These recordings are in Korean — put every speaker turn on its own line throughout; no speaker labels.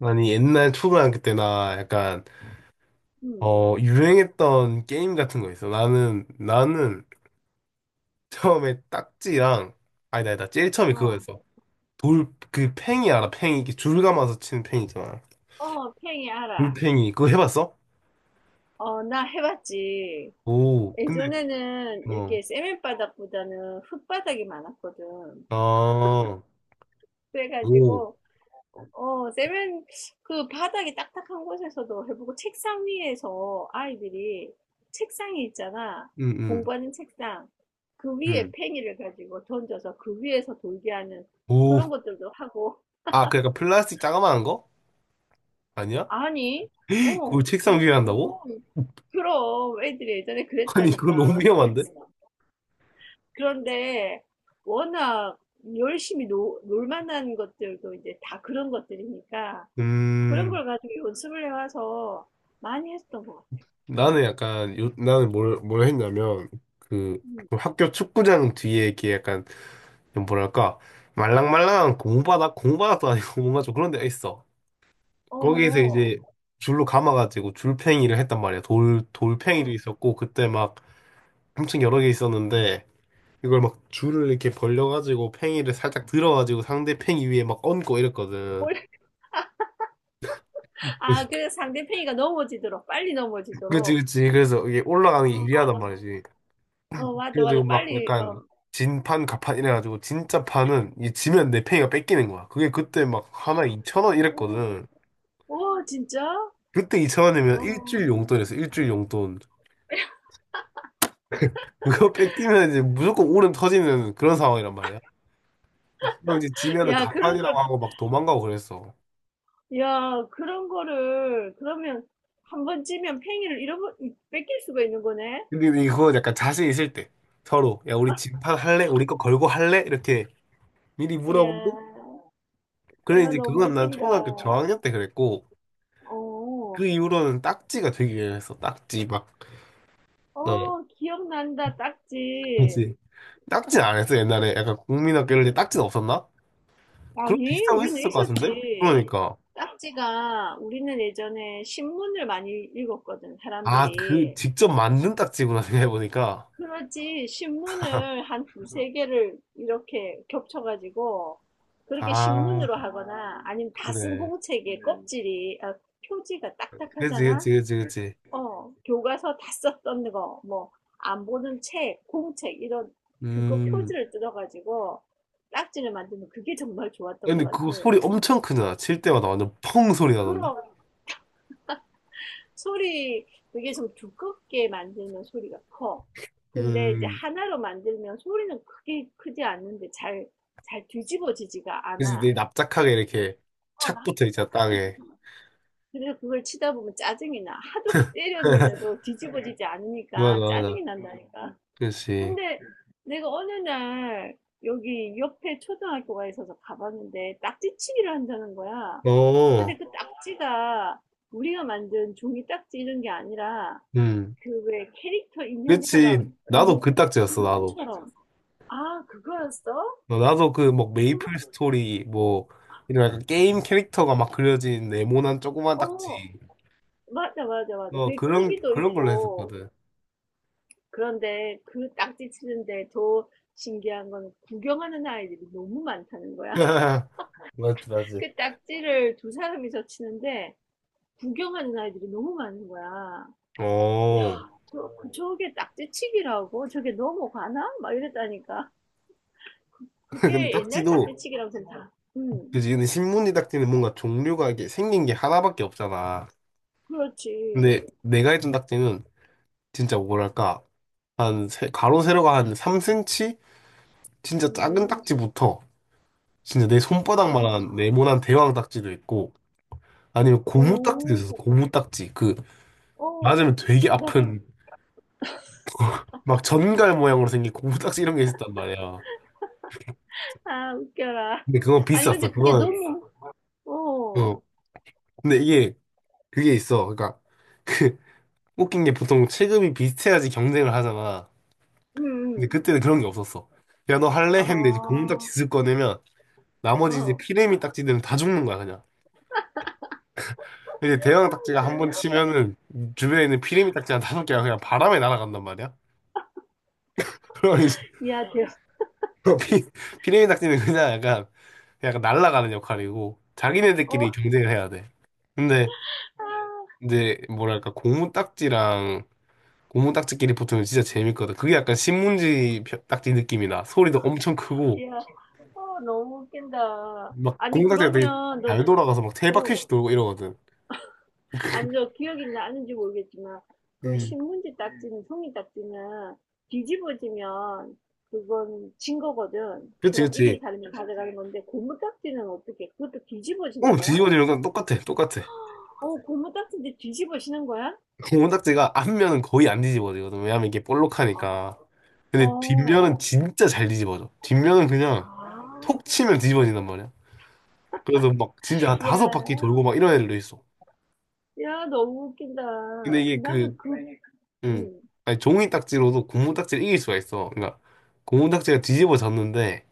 아니, 옛날 초등학교 때 나 약간,
응,
유행했던 게임 같은 거 있어. 나는 처음에 딱지랑, 아니다, 아니다. 제일 처음에
어,
그거였어. 돌, 그 팽이 알아? 팽이. 이렇게 줄 감아서 치는 팽이 있잖아.
어, 팽이 알아.
돌팽이. 그거 해봤어?
어, 나 해봤지.
오, 근데,
예전에는
어,
이렇게 세면바닥보다는 흙바닥이 많았거든.
아, 오,
그래가지고, 세면, 그 바닥이 딱딱한 곳에서도 해보고, 책상 위에서 아이들이, 책상이 있잖아.
응, 응,
공부하는 책상. 그 위에
응.
팽이를 가지고 던져서 그 위에서 돌게 하는
오.
그런 것들도 하고,
아, 그 약간 플라스틱 자그마한 거? 아니야?
아니,
그걸 책상
그,
위에 한다고?
무거운, 그럼 애들이 예전에
아니, 그건 너무
그랬다니까.
위험한데?
그래서 그런데 워낙 열심히 놀 만한 것들도 이제 다 그런 것들이니까 그런
음.
걸 가지고 연습을 해와서 많이 했던 것 같아요.
나는
음,
약간 요, 나는 뭘 했냐면 그
음.
그 학교 축구장 뒤에 이렇게 약간 뭐랄까 말랑말랑한 공바닥도 아니고 뭔가 좀 그런 데가 있어.
어,
거기에서
어,
이제 줄로 감아가지고 줄팽이를 했단 말이야. 돌 돌팽이도
어.
있었고 그때 막 엄청 여러 개 있었는데 이걸 막 줄을 이렇게 벌려가지고 팽이를 살짝 들어가지고 상대 팽이 위에 막 얹고 이랬거든.
올- 아, 그래서 상대편이가 넘어지도록, 빨리
그치
넘어지도록.
그치 그래서 이게 올라가는 게
어, 맞아,
유리하단
맞아.
말이지.
어, 맞아,
그래가지고
맞아.
막
빨리,
약간
어,
진판 가판 이래가지고 진짜 판은 이 지면 내 팽이가 뺏기는 거야. 그게 그때 막 하나 2천 원
오,
이랬거든.
오, 진짜?
그때 2천 원이면 일주일
어.
용돈이었어. 일주일 용돈. 그거 뺏기면 이제 무조건 울음 터지는 그런 상황이란 말이야. 그럼 이제 지면은
야, 그런 걸,
가판이라고 하고 막 도망가고 그랬어.
야, 그런 거를, 그러면 한 번 찌면 뺏길 수가 있는 거네?
근데 이거 약간 자신 있을 때 서로 야 우리 진판 할래? 우리 거 걸고 할래? 이렇게 미리
이야,
물어보고 그래
야,
이제
너무
그건 난
웃긴다.
초등학교 저학년 때 그랬고
어,
그 이후로는 딱지가 되기 위해서 딱지 막 어,
어, 기억난다, 딱지.
그지 딱지는 안 했어, 옛날에. 약간 국민학교 이럴 때 딱지는 없었나? 그런 거
아니,
비슷한 거
우리는
있었을 것 같은데?
있었지.
그러니까.
딱지가, 우리는 예전에 신문을 많이 읽었거든,
아, 그,
사람들이.
직접 만든 딱지구나, 생각해보니까.
그렇지, 신문을 한 두세 개를 이렇게 겹쳐가지고, 그렇게
아,
신문으로 하거나, 아니면 다 쓴
그래.
공책의 표지가
그치,
딱딱하잖아?
그치, 그치, 그치.
어, 교과서 다 썼던 거, 뭐, 안 보는 책, 공책, 이런, 그거
음.
표지를 뜯어가지고 딱지를 만드는 그게 정말 좋았던 것
근데
같아.
그 소리 엄청 크잖아. 칠 때마다 완전 펑 소리 나던데?
그런 소리, 그게 좀 두껍게 만들면 소리가 커. 근데 이제
음.
하나로 만들면 소리는 크게 크지 않는데 잘, 잘 뒤집어지지가
그치, 내
않아.
납작하게 이렇게
어,
착
나
붙어 있잖아, 땅에.
짝짝거리잖아. 그래서 그걸 치다 보면 짜증이 나. 하도 때렸는데도 뒤집어지지
맞아,
않으니까 짜증이
맞아.
난다니까.
그치.
근데 내가 어느 날 여기 옆에 초등학교가 있어서 가봤는데 딱지치기를 한다는 거야. 근데
어,
그 딱지가 우리가 만든 종이 딱지 이런 게 아니라
음.
그 왜 캐릭터
그치.
인형처럼 음,
나도 그 딱지였어, 나도.
고무처럼 아 그거였어?
어, 나도 그 뭐
음,
메이플 스토리 뭐 이런 약간 게임 캐릭터가 막 그려진 네모난 조그만
어
딱지
맞아 맞아 맞아
뭐
그게
그런
크기도
그런 걸로
있고
했었거든.
그런데 그 딱지 치는데 더 신기한 건 구경하는 아이들이 너무 많다는 거야.
맞지, 맞지.
그 딱지를 두 사람이서 치는데 구경하는 아이들이 너무 많은 거야. 야,
어
저게 딱지치기라고? 저게 넘어가나? 막 이랬다니까.
근데
그게 옛날
딱지도
딱지치기라고 생각. 응,
그지 근데 신문지 딱지는 뭔가 종류가 이게 생긴 게 하나밖에 없잖아.
그렇지.
근데 내가 했던 딱지는 진짜 뭐랄까 한 가로 세로가 한 3cm 진짜 작은
음,
딱지부터 진짜 내
아,
손바닥만한 네모난 대왕 딱지도 있고 아니면 고무 딱지도 있었어.
오,
고무 딱지 그
어,
맞으면 되게
나,
아픈 막 전갈 모양으로 생긴 고무딱지 이런 게 있었단 말이야.
아, 웃겨라.
근데 그건
아니,
비쌌어.
근데 그게 아,
그건
너무, 어,
어. 근데 이게 그게 있어. 그러니까 그 웃긴 게 보통 체급이 비슷해야지 경쟁을 하잖아.
응,
근데
응.
그때는 그런 게 없었어. 야 너 할래?
아,
했는데 이제 고무딱지
어,
쓱 꺼내면 나머지 이제
아,
피레미 딱지들은 다 죽는 거야 그냥. 이제 대형 딱지가 한
너무
번
웃겨.
치면은 주변에 있는 피레미 딱지 한 다섯 개가 그냥 바람에 날아간단 말이야. 그러니
야, 대,
피, 피레미 닭띠는 그냥 약간, 약간 날아가는 역할이고,
어,
자기네들끼리 경쟁을 해야 돼. 근데,
아,
이제, 뭐랄까, 고무 딱지랑, 고무 딱지끼리 붙으면 진짜 재밌거든. 그게 약간 신문지 딱지 느낌이 나. 소리도 엄청 크고,
야, 어, 너무 웃긴다.
막,
아니,
고무 딱지가 되게
그러면 너,
잘 돌아가서 막 세바퀴씩
어,
돌고 이러거든.
아니요, 기억이 나는지 모르겠지만, 그
음.
신문지 딱지는, 종이 딱지는 뒤집어지면 그건 진 거거든.
그치,
그럼 이긴
그치.
사람이 그 가져가는 건데, 고무 딱지는 어떻게, 그것도 뒤집어지는
어,
거야?
뒤집어지는 건 똑같아, 똑같아.
어, 맞아요. 고무 딱지인데 뒤집어지는 거야?
고무 딱지가 앞면은 거의 안 뒤집어지거든. 왜냐면 이게 볼록하니까.
어,
근데 뒷면은
어,
진짜 잘 뒤집어져. 뒷면은 그냥
아,
톡 치면 뒤집어진단 말이야. 그래서 막 진짜 한
야,
다섯 바퀴 돌고 막 이런 애들도 있어.
야, 너무 웃긴다.
근데
그
이게 그,
나는 그, 왜?
음,
응,
아니 종이 딱지로도 고무 딱지를 이길 수가 있어. 그러니까 고무 딱지가 뒤집어졌는데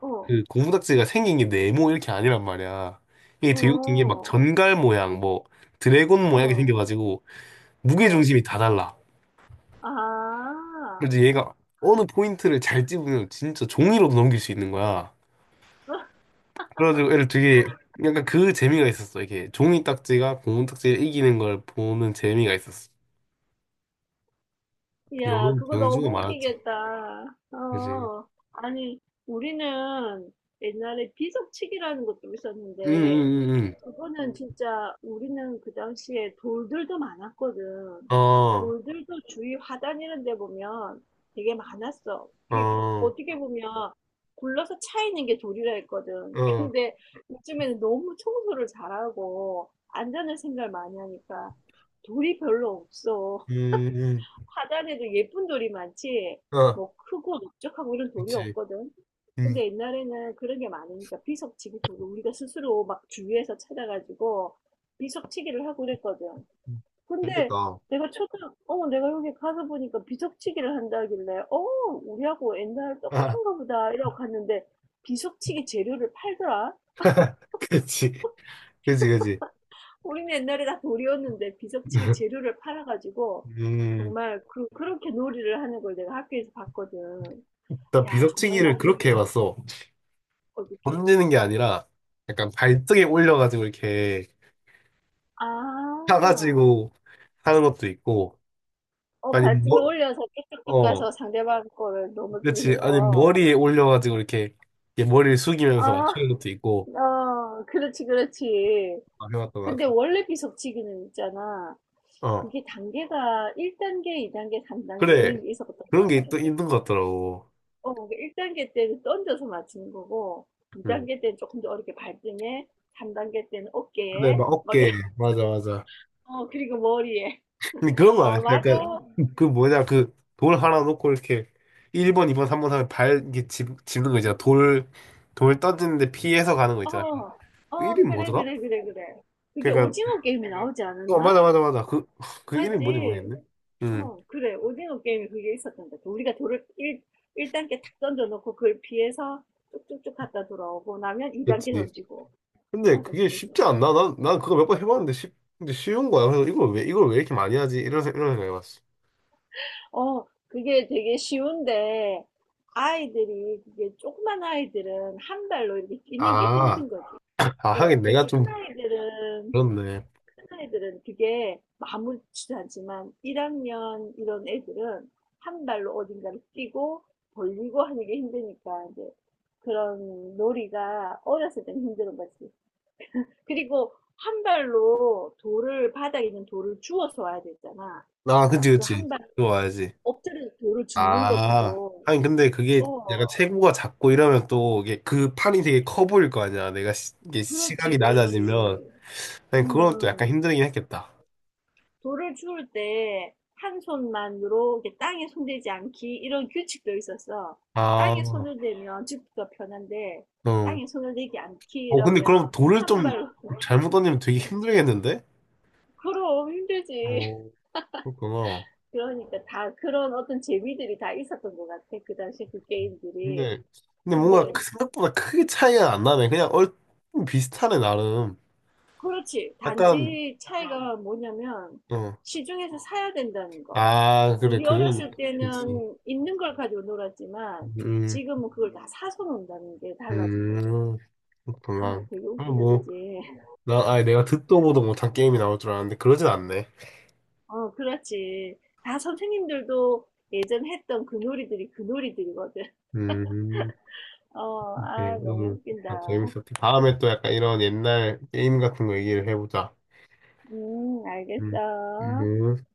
어,
그 고무 딱지가 생긴 게 네모 이렇게 아니란 말이야. 이게 되게 웃긴 게 막
어,
전갈 모양, 뭐 드래곤 모양이
어,
생겨가지고 무게
어,
중심이 다 달라.
아,
그래서 얘가 어느 포인트를 잘 집으면 진짜 종이로도 넘길 수 있는 거야. 그래가지고 애를 되게 약간 그 재미가 있었어. 이게 종이 딱지가 고무 딱지를 이기는 걸 보는 재미가 있었어.
야,
여러
그거
경주가
너무
많았지.
웃기겠다.
그지?
어, 아니, 우리는 옛날에 비석치기라는 것도
응,
있었는데,
응, 응,
그거는 진짜 우리는 그 당시에 돌들도 많았거든.
응. 어,
돌들도 주위 화단 이런 데 보면 되게 많았어.
어,
그,
어,
어떻게 보면 굴러서 차 있는 게 돌이라 했거든. 근데 요즘에는 너무 청소를 잘하고 안전을 생각 많이 하니까 돌이 별로 없어.
음, 음.
화단에도 예쁜 돌이 많지,
어,
뭐 크고 넓적하고 이런 돌이
그치.
없거든.
음,
근데 옛날에는 그런 게 많으니까 비석치기 돌을 우리가 스스로 막 주위에서 찾아가지고 비석치기를 하고 그랬거든.
음.
근데
재밌겠다.
내가 초등, 어, 내가 여기 가서 보니까 비석치기를 한다길래, 어, 우리하고 옛날
아,
똑같은가 보다 이러고 갔는데 비석치기 재료를 팔더라.
그치. 그치, 그치.
우리는 옛날에 다 돌이었는데 비석치기 재료를 팔아가지고
음,
정말 그, 그렇게 놀이를 하는 걸 내가 학교에서 봤거든.
나
야, 정말
비석치기를
많이
그렇게 해봤어.
어떻게
던지는 게 아니라 약간 발등에 올려가지고 이렇게
아.
차가지고 하는 것도 있고,
어,
아니,
발등에
뭐,
올려서 쭉쭉쭉
어,
가서 상대방 거를
그치.
넘어뜨리는
아니,
거.
머리에 올려가지고 이렇게, 이게 머리를 숙이면서 어,
아,
맞추는 것도 있고,
어, 그렇지, 그렇지.
아, 해봤던 것 같아.
근데 원래 비석치기는 있잖아.
어,
그게 단계가 1단계, 2단계, 3단계
그래.
이런 게 있었던 것
그런 게 있,
같아.
있는 것 같더라고.
어, 1단계 때는 던져서 맞추는 거고,
응.
2단계 때는 조금 더 어렵게 발등에, 3단계 때는
근데
어깨에,
막
막
어깨,
이런,
맞아, 맞아.
어, 그리고 머리에.
근데 그런 거
어,
아니야
맞아.
약간, 그 뭐냐, 그 돌 하나 놓고 이렇게, 1번, 2번, 3번 하면 발, 이렇게 집, 집는 거 있잖아. 돌, 돌 던지는데 피해서 가는 거
어,
있잖아. 그
어,
이름이
그래,
뭐더라?
그래, 그래, 그래. 그게
그니까,
오징어 게임에 나오지
어,
않았나?
맞아, 맞아, 맞아. 그, 그 이름이 뭔지
맞지?
모르겠네. 응,
어, 그래. 오징어 게임에 그게 있었던 것 같아. 우리가 돌을 1, 일단계탁 던져놓고 그걸 피해서 쭉쭉쭉 갔다 돌아오고 나면 2단계
그치.
던지고.
근데
맞아,
그게
그게
쉽지
있었어.
않나? 난 그거 몇 번 해봤는데 쉽, 근데 쉬운 거야. 그래서 이걸 왜, 이걸 왜 이렇게 많이 하지? 이런, 이런 생각 해봤어.
어, 그게 되게 쉬운데 아이들이, 그게 조그만 아이들은 한 발로 이렇게 뛰는 게
아,
힘든 거지.
아,
어,
하긴
이게
내가
큰
좀,
아이들은
그렇네.
큰 애들은 그게 아무렇지도 않지만 1학년 이런 애들은 한 발로 어딘가를 뛰고 벌리고 하는 게 힘드니까 이제 그런 놀이가 어렸을 때는 힘든 거지. 그리고 한 발로 돌을 바닥에 있는 돌을 주워서 와야 되잖아.
아, 그치,
그
그치.
한 발
좋아야지.
엎드려 돌을 줍는
아,
것도
하긴 근데 그게 약간
어
체구가 작고 이러면 또 이게 그 판이 되게 커 보일 거 아니야. 내가 시, 이게
그렇지
시각이
그렇지.
낮아지면. 하긴
음.
그건 또 약간
음.
힘들긴 했겠다.
돌을 주울 때 한 손만 이렇게 땅에 손대지 않기 이런 규칙도 있었어. 땅에
아,
손을 대면 죽기가 편한데
응.
땅에 손을 대지 않기
어, 근데
이러면
그럼 돌을
한
좀
발로
잘못 던지면 되게 힘들겠는데?
그럼 힘들지.
어, 그렇구나.
그러니까 다 그런 어떤 재미들이 다 있었던 것 같아. 그 당시 그 게임들이.
근데, 근데 뭔가
근데
그 생각보다 크게 차이가 안 나네. 그냥 얼 비슷하네, 나름.
그렇지.
약간,
단지 차이가 뭐냐면
어.
시중에서 사야 된다는 거.
아, 그래,
우리
그건,
어렸을
그치.
때는 있는 걸 가지고 놀았지만
음,
지금은 그걸 다 사서 논다는 게 달라진 거지.
음, 그렇구나.
어, 되게
아,
웃기다,
뭐,
그지?
나, 아 내가 듣도 보도 못한 게임이 나올 줄 알았는데, 그러진 않네.
어, 그렇지. 다 선생님들도 예전 했던 그 놀이들이 그 놀이들이거든.
음,
어,
오케이.
아, 너무
오늘 아,
웃긴다.
재밌었지. 다음에 또 약간 이런 옛날 게임 같은 거 얘기를 해보자. 음,
알겠어.
음.